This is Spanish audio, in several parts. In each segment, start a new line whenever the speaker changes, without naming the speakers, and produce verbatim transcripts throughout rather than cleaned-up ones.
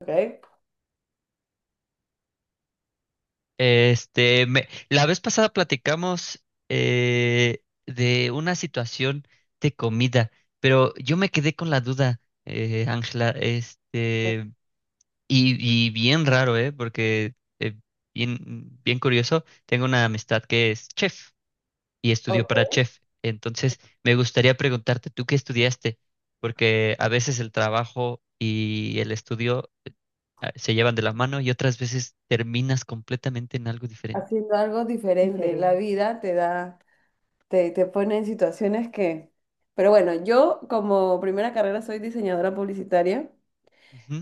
Ok.
Este, me- la vez pasada platicamos eh, de una situación de comida, pero yo me quedé con la duda, eh, Ángela, este, y, y bien raro, ¿eh? Porque eh, bien, bien curioso, tengo una amistad que es chef y estudió para
Ok,
chef. Entonces me gustaría preguntarte, ¿tú qué estudiaste? Porque a veces el trabajo y el estudio ah, se llevan de la mano y otras veces terminas completamente en algo diferente.
haciendo algo diferente. Diferente. La Diferente. vida te da, te, te pone en situaciones que... Pero bueno, yo como primera carrera soy diseñadora publicitaria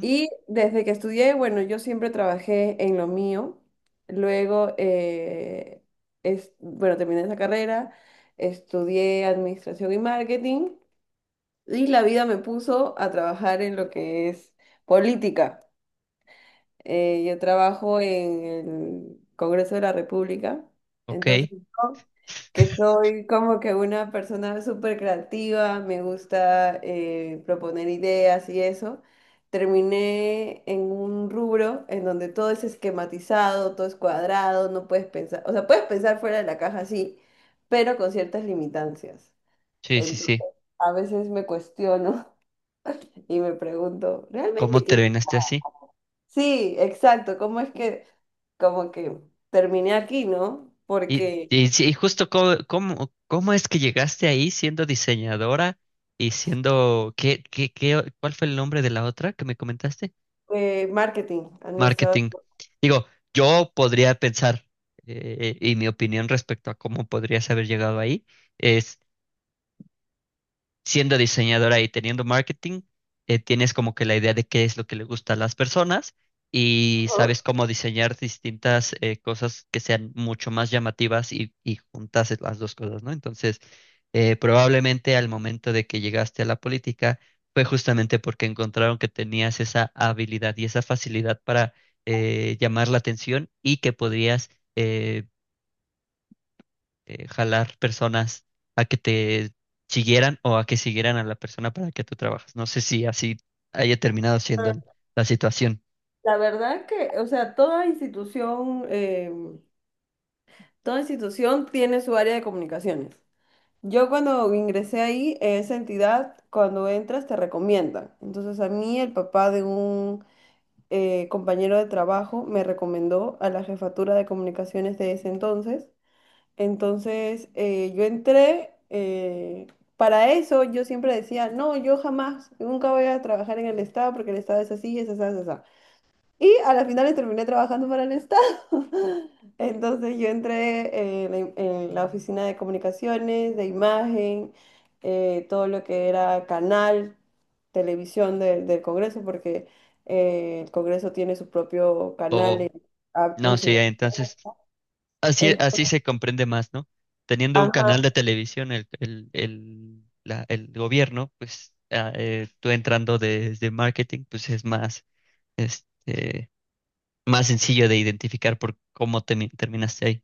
y desde que estudié, bueno, yo siempre trabajé en lo mío. Luego, eh, es, bueno, terminé esa carrera, estudié administración y marketing y la vida me puso a trabajar en lo que es política. Eh, yo trabajo en el Congreso de la República,
Ok,
entonces yo, que soy como que una persona súper creativa, me gusta eh, proponer ideas y eso, terminé en un rubro en donde todo es esquematizado, todo es cuadrado, no puedes pensar, o sea, puedes pensar fuera de la caja, sí, pero con ciertas limitancias.
sí, sí,
Entonces,
sí.
a veces me cuestiono y me pregunto,
¿Cómo
¿realmente quiero?
terminaste así?
Sí, exacto, ¿cómo es que como que terminé aquí, ¿no?
Y,
Porque
y, sí, y justo cómo, cómo, cómo es que llegaste ahí siendo diseñadora y siendo, ¿qué, qué, qué, cuál fue el nombre de la otra que me comentaste?
eh, marketing, administrador.
Marketing. Digo, yo podría pensar, eh, y mi opinión respecto a cómo podrías haber llegado ahí, siendo diseñadora y teniendo marketing, eh, tienes como que la idea de qué es lo que le gusta a las personas y
Ajá.
sabes cómo diseñar distintas eh, cosas que sean mucho más llamativas y, y juntas las dos cosas, ¿no? Entonces, eh, probablemente al momento de que llegaste a la política fue justamente porque encontraron que tenías esa habilidad y esa facilidad para eh, llamar la atención y que podrías... eh, eh, jalar personas a que te siguieran o a que siguieran a la persona para la que tú trabajas. No sé si así haya terminado siendo el- la situación
La verdad que, o sea, toda institución, eh, toda institución tiene su área de comunicaciones. Yo cuando ingresé ahí, esa entidad, cuando entras, te recomienda. Entonces a mí el papá de un eh, compañero de trabajo me recomendó a la jefatura de comunicaciones de ese entonces. Entonces, eh, yo entré, eh, para eso yo siempre decía, no, yo jamás, nunca voy a trabajar en el Estado porque el Estado es así, es así, es así. Y a la final terminé trabajando para el Estado. Entonces, yo entré eh, en la, en la oficina de comunicaciones, de imagen, eh, todo lo que era canal, televisión del del Congreso, porque eh, el Congreso tiene su propio canal.
o
en- a-
no, sí.
enseñar-
Entonces así,
en-
así se comprende más, ¿no? Teniendo un canal
ajá.
de televisión, el, el, el, la- el gobierno, pues ah, eh, tú entrando desde marketing, pues es más, este, más sencillo de identificar por cómo te, terminaste ahí.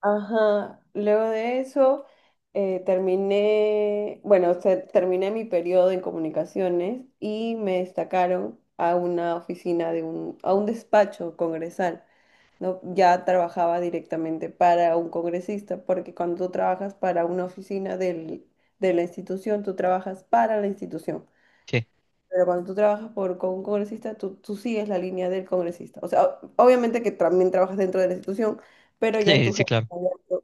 Ajá, luego de eso eh, terminé, bueno, o sea, terminé mi periodo en comunicaciones y me destacaron a una oficina de un, a un despacho congresal, ¿no? Ya trabajaba directamente para un congresista, porque cuando tú trabajas para una oficina del- de la institución, tú trabajas para la institución.
Sí,
Pero cuando tú trabajas por, con un congresista, tú, tú sigues la línea del congresista. O sea, o- obviamente que también trabajas dentro de la institución, pero ya
sí,
tu
sí,
jefe
claro.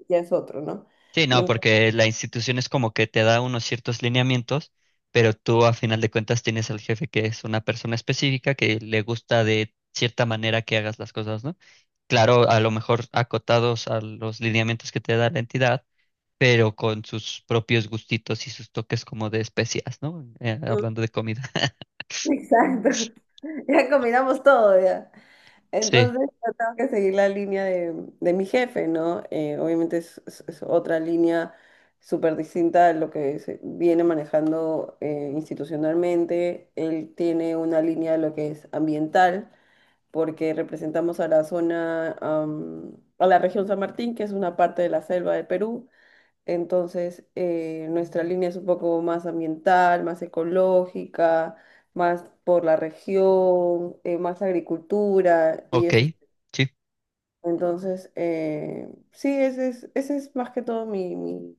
ya es otro, ¿no?
Sí, no,
Entonces...
porque la institución es como que te da unos ciertos lineamientos, pero tú a final de cuentas tienes al jefe, que es una persona específica que le gusta de cierta manera que hagas las cosas, ¿no? Claro, a lo mejor acotados a los lineamientos que te da la entidad, pero con sus propios gustitos y sus toques como de especias, ¿no? Eh,
Mm,
hablando de comida.
exacto. Ya combinamos todo, ya.
Sí,
Entonces, yo tengo que seguir la línea de, de mi jefe, ¿no? Eh, obviamente es, es- es otra línea súper distinta a lo que se viene manejando eh, institucionalmente. Él tiene una línea de lo que es ambiental, porque representamos a la zona, am, a la región San Martín, que es una parte de la selva de Perú. Entonces, eh, nuestra línea es un poco más ambiental, más ecológica, más por la región, eh, más agricultura y
ok,
eso.
sí,
Entonces, eh, sí, ese es, ese es más que todo mi, mi,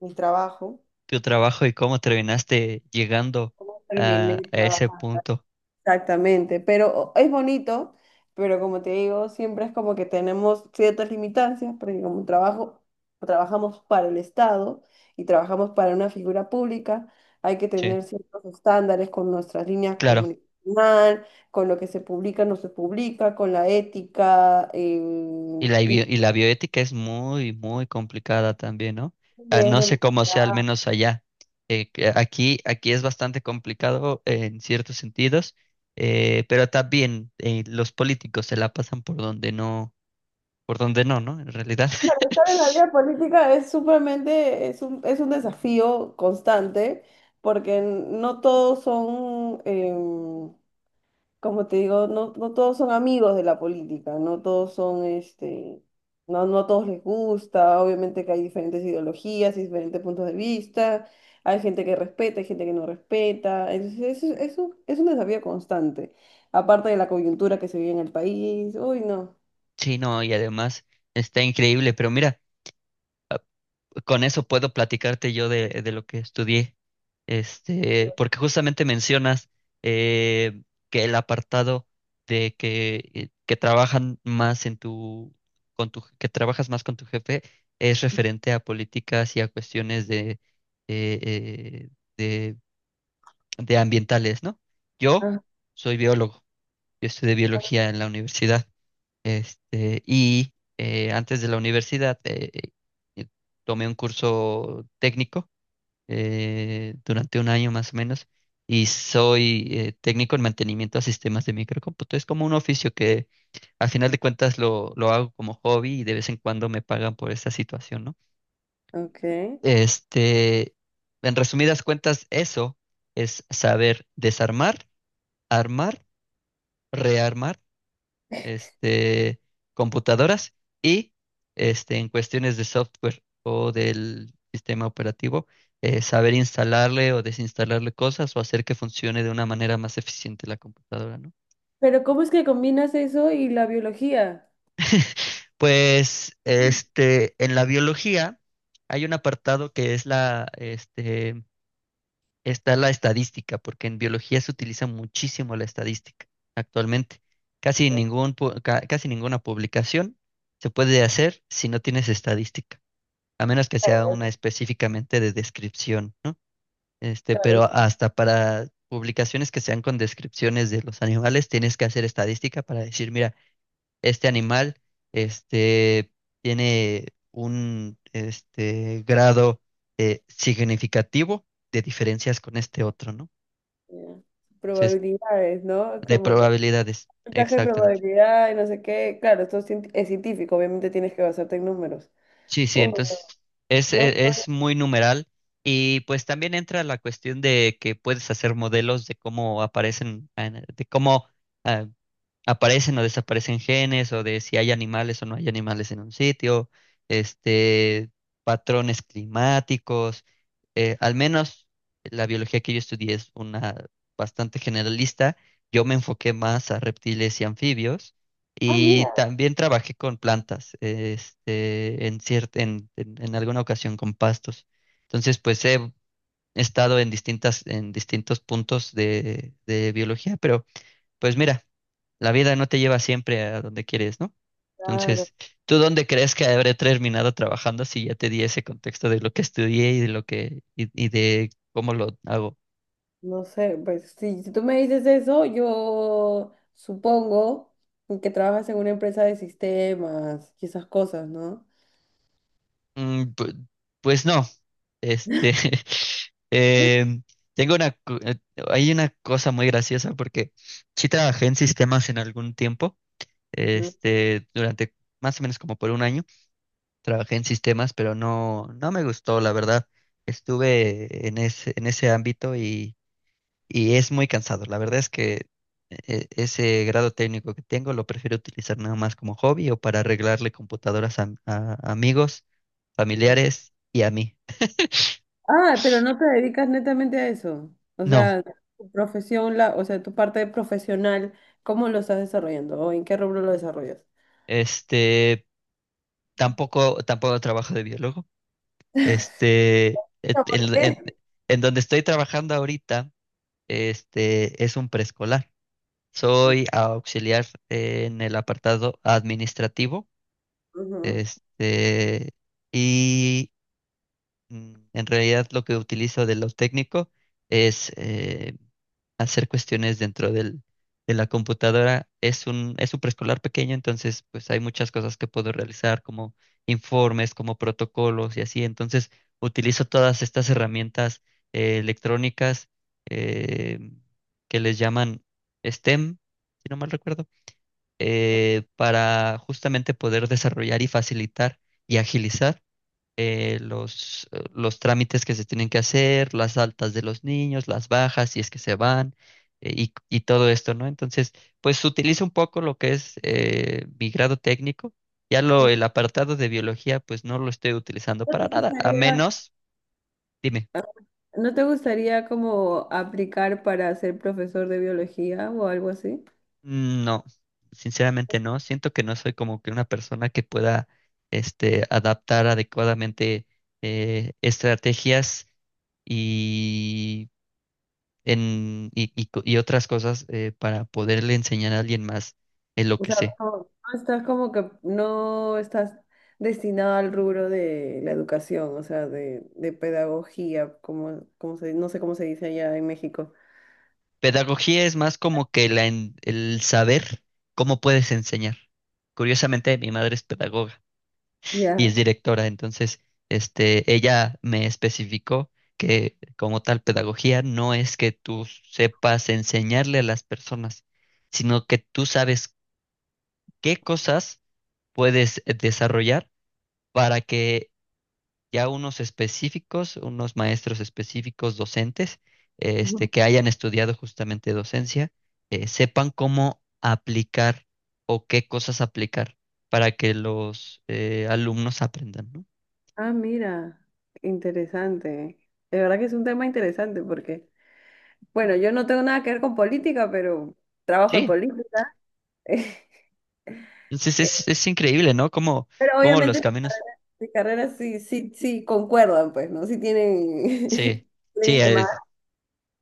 mi trabajo.
tu trabajo y cómo terminaste llegando a a
Terminé
ese
trabajando
punto.
exactamente, pero es bonito, pero como te digo, siempre es como que tenemos ciertas limitancias, porque como trabajo, trabajamos para el Estado y trabajamos para una figura pública, hay que
Sí,
tener ciertos estándares con nuestras líneas
claro.
comunicacional, con lo que se publica, no se publica, con la ética,
Y
eh,
la, bio-
y
y la bioética es muy, muy complicada también, ¿no?
y
Ah,
es
no sé
de-
cómo sea, al menos allá. Eh, que aquí, aquí es bastante complicado en ciertos sentidos, eh, pero también eh, los políticos se la pasan por donde no, por donde no, ¿no? En realidad.
estar en la vida política es supremamente, es un, es un desafío constante, porque no todos son... em, como te digo, no, no todos son amigos de la política, no todos son, este, no, no a todos les gusta, obviamente que hay diferentes ideologías y diferentes puntos de vista, hay gente que respeta, hay gente que no respeta, entonces eso es, un, es un desafío constante, aparte de la coyuntura que se vive en el país, uy, no.
Sí, no, y además está increíble, pero mira, con eso puedo platicarte yo de, de lo que estudié. Este, porque justamente mencionas eh, que el apartado de que, eh, que trabajan más en tu, con tu, que trabajas más con tu jefe es referente a políticas y a cuestiones de, eh, eh, de, de ambientales, ¿no? Yo
Ah,
soy biólogo, yo estudié biología en la universidad. Este, y eh, antes de la universidad eh, eh, tomé un curso técnico eh, durante un año más o menos y soy eh, técnico en mantenimiento a sistemas de microcómputo. Es como un oficio que al final de cuentas lo, lo hago como hobby y de vez en cuando me pagan por esta situación, ¿no?
ok.
Este, en resumidas cuentas, eso es saber desarmar, armar, rearmar este, computadoras y este, en cuestiones de software o del sistema operativo, eh, saber instalarle o desinstalarle cosas o hacer que funcione de una manera más eficiente la computadora, ¿no?
Pero ¿cómo es que combinas eso y la biología?
Pues este, en la biología hay un apartado que es la, este, está la estadística, porque en biología se utiliza muchísimo la estadística actualmente. Casi
Ok.
ningún, pu- ca- Casi ninguna publicación se puede hacer si no tienes estadística, a menos que sea
Claro,
una
es-
específicamente de descripción, ¿no? Este,
claro,
pero
es-
hasta para publicaciones que sean con descripciones de los animales, tienes que hacer estadística para decir, mira, este animal, este, tiene un, este, grado eh, significativo de diferencias con este otro, ¿no?
ya.
Entonces,
Probabilidades, ¿no?
de
Como que
probabilidades,
porcentaje de
exactamente.
probabilidad y no sé qué. Claro, esto es, cien- es científico, obviamente tienes que basarte en números.
Sí, sí,
Oh,
entonces es,
yo,
e- es muy numeral y pues también entra la cuestión de que puedes hacer modelos de cómo aparecen, eh, de cómo ah, aparecen o desaparecen genes o de si hay animales o no hay animales en un sitio, este, patrones climáticos. Eh, al menos la biología que yo estudié es una bastante generalista. Yo me enfoqué más a reptiles y anfibios
ah,
y
mira,
también trabajé con plantas, este, en cier- en, en- en alguna ocasión con pastos. Entonces, pues he estado en distintas, en distintos puntos de de biología, pero pues mira, la vida no te lleva siempre a donde quieres, ¿no?
claro,
Entonces, ¿tú dónde crees que habré terminado trabajando si ya te di ese contexto de lo que estudié y de lo que y, y de cómo lo hago?
no sé, pues si, si tú me dices eso, yo supongo que trabajas en una empresa de sistemas y esas cosas, ¿no?
Mm, pu- pues no, este, em, tengo una, cu- eh, hay una cosa muy graciosa porque sí trabajé en sistemas en algún tiempo,
Ujú.
este, durante más o menos como por un año. Trabajé en sistemas, pero no, no me gustó, la verdad. Estuve en ese, en ese ámbito y, y es muy cansado. La verdad es que e- ese grado técnico que tengo lo prefiero utilizar nada más como hobby o para arreglarle computadoras a, a amigos, familiares y a mí.
Ah, pero no te dedicas netamente a eso. O
No,
sea, tu profesión, la, o sea, tu parte profesional, ¿cómo lo estás desarrollando o en qué rubro lo desarrollas?
este, tampoco, tampoco trabajo de biólogo. Este, et-
No, ¿por
en,
qué?
en en donde estoy trabajando ahorita, este, es un preescolar. Soy auxiliar en el apartado administrativo,
Ujú.
este, y mm, en realidad lo que utilizo de lo técnico es eh, hacer cuestiones dentro del, de la computadora. Es un, es un preescolar pequeño, entonces pues hay muchas cosas que puedo realizar como informes, como protocolos y así. Entonces utilizo todas estas herramientas eh, electrónicas eh, que les llaman S T E M, si no mal recuerdo, eh, para justamente poder desarrollar y facilitar y agilizar eh, los, eh, los trámites que se tienen que hacer, las altas de los niños, las bajas, si es que se van, eh, y, y todo esto, ¿no? Entonces, pues utilizo un poco lo que es eh, mi grado técnico. Ya lo, el apartado de biología, pues no lo estoy utilizando
¿No
para
te
nada, a
gustaría?
menos, dime.
¿No te gustaría como aplicar para ser profesor de biología o algo así?
Mm, no, sinceramente no. Siento que no soy como que una persona que pueda este, adaptar adecuadamente eh, estrategias y, en, y, y co- y otras cosas eh, para poderle enseñar a alguien más en lo
O
que
sea,
sé.
como- no estás como que no estás destinado al rubro de la educación, o sea, de, de pedagogía, como, como se, no sé cómo se dice allá en México.
Pedagogía es más como que la en- el saber cómo puedes enseñar. Curiosamente, mi madre es pedagoga y es
Ya.
directora. Entonces, este, ella me especificó que como tal pedagogía no es que tú sepas enseñarle a las personas, sino que tú sabes qué cosas puedes eh, desarrollar para que ya unos específicos, unos maestros específicos, docentes, eh, este,
Ujú.
que hayan estudiado justamente docencia, eh, sepan cómo aplicar o qué cosas aplicar para que los eh, alumnos aprendan, ¿no?
Ah, mira, interesante. De verdad que es un tema interesante porque, bueno, yo no tengo nada que ver con política, pero trabajo en
Sí,
política.
entonces es, es increíble, ¿no? Cómo,
Pero
cómo los
obviamente
caminos,
de carreras sí, sí, sí concuerdan, pues, ¿no? Sí tienen,
sí,
tienen
sí,
ese mar
es-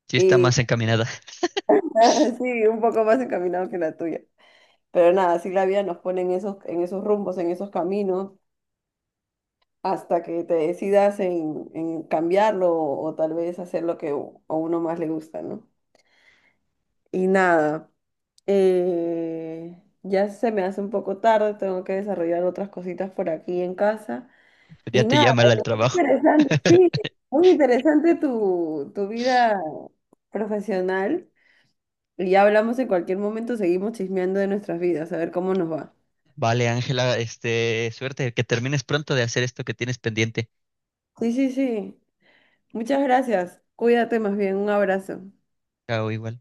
sí está
y
más encaminada.
sí, un poco más encaminado que la tuya. Pero nada, sí, la vida nos pone en esos, en esos rumbos, en esos caminos, hasta que te decidas en, en cambiarlo o, tal vez hacer lo que u- a uno más le gusta, ¿no? Y nada, eh, ya se me hace un poco tarde, tengo que desarrollar otras cositas por aquí en casa.
Ya
Y
te
nada,
llama el al
pero muy
trabajo.
interesante, sí, muy interesante tu, tu vida profesional. Y ya hablamos en cualquier momento, seguimos chismeando de nuestras vidas, a ver cómo nos va.
Vale, Ángela, este, suerte, que termines pronto de hacer esto que tienes pendiente.
Sí, sí, sí. Muchas gracias. Cuídate más bien. Un abrazo.
Chao, igual.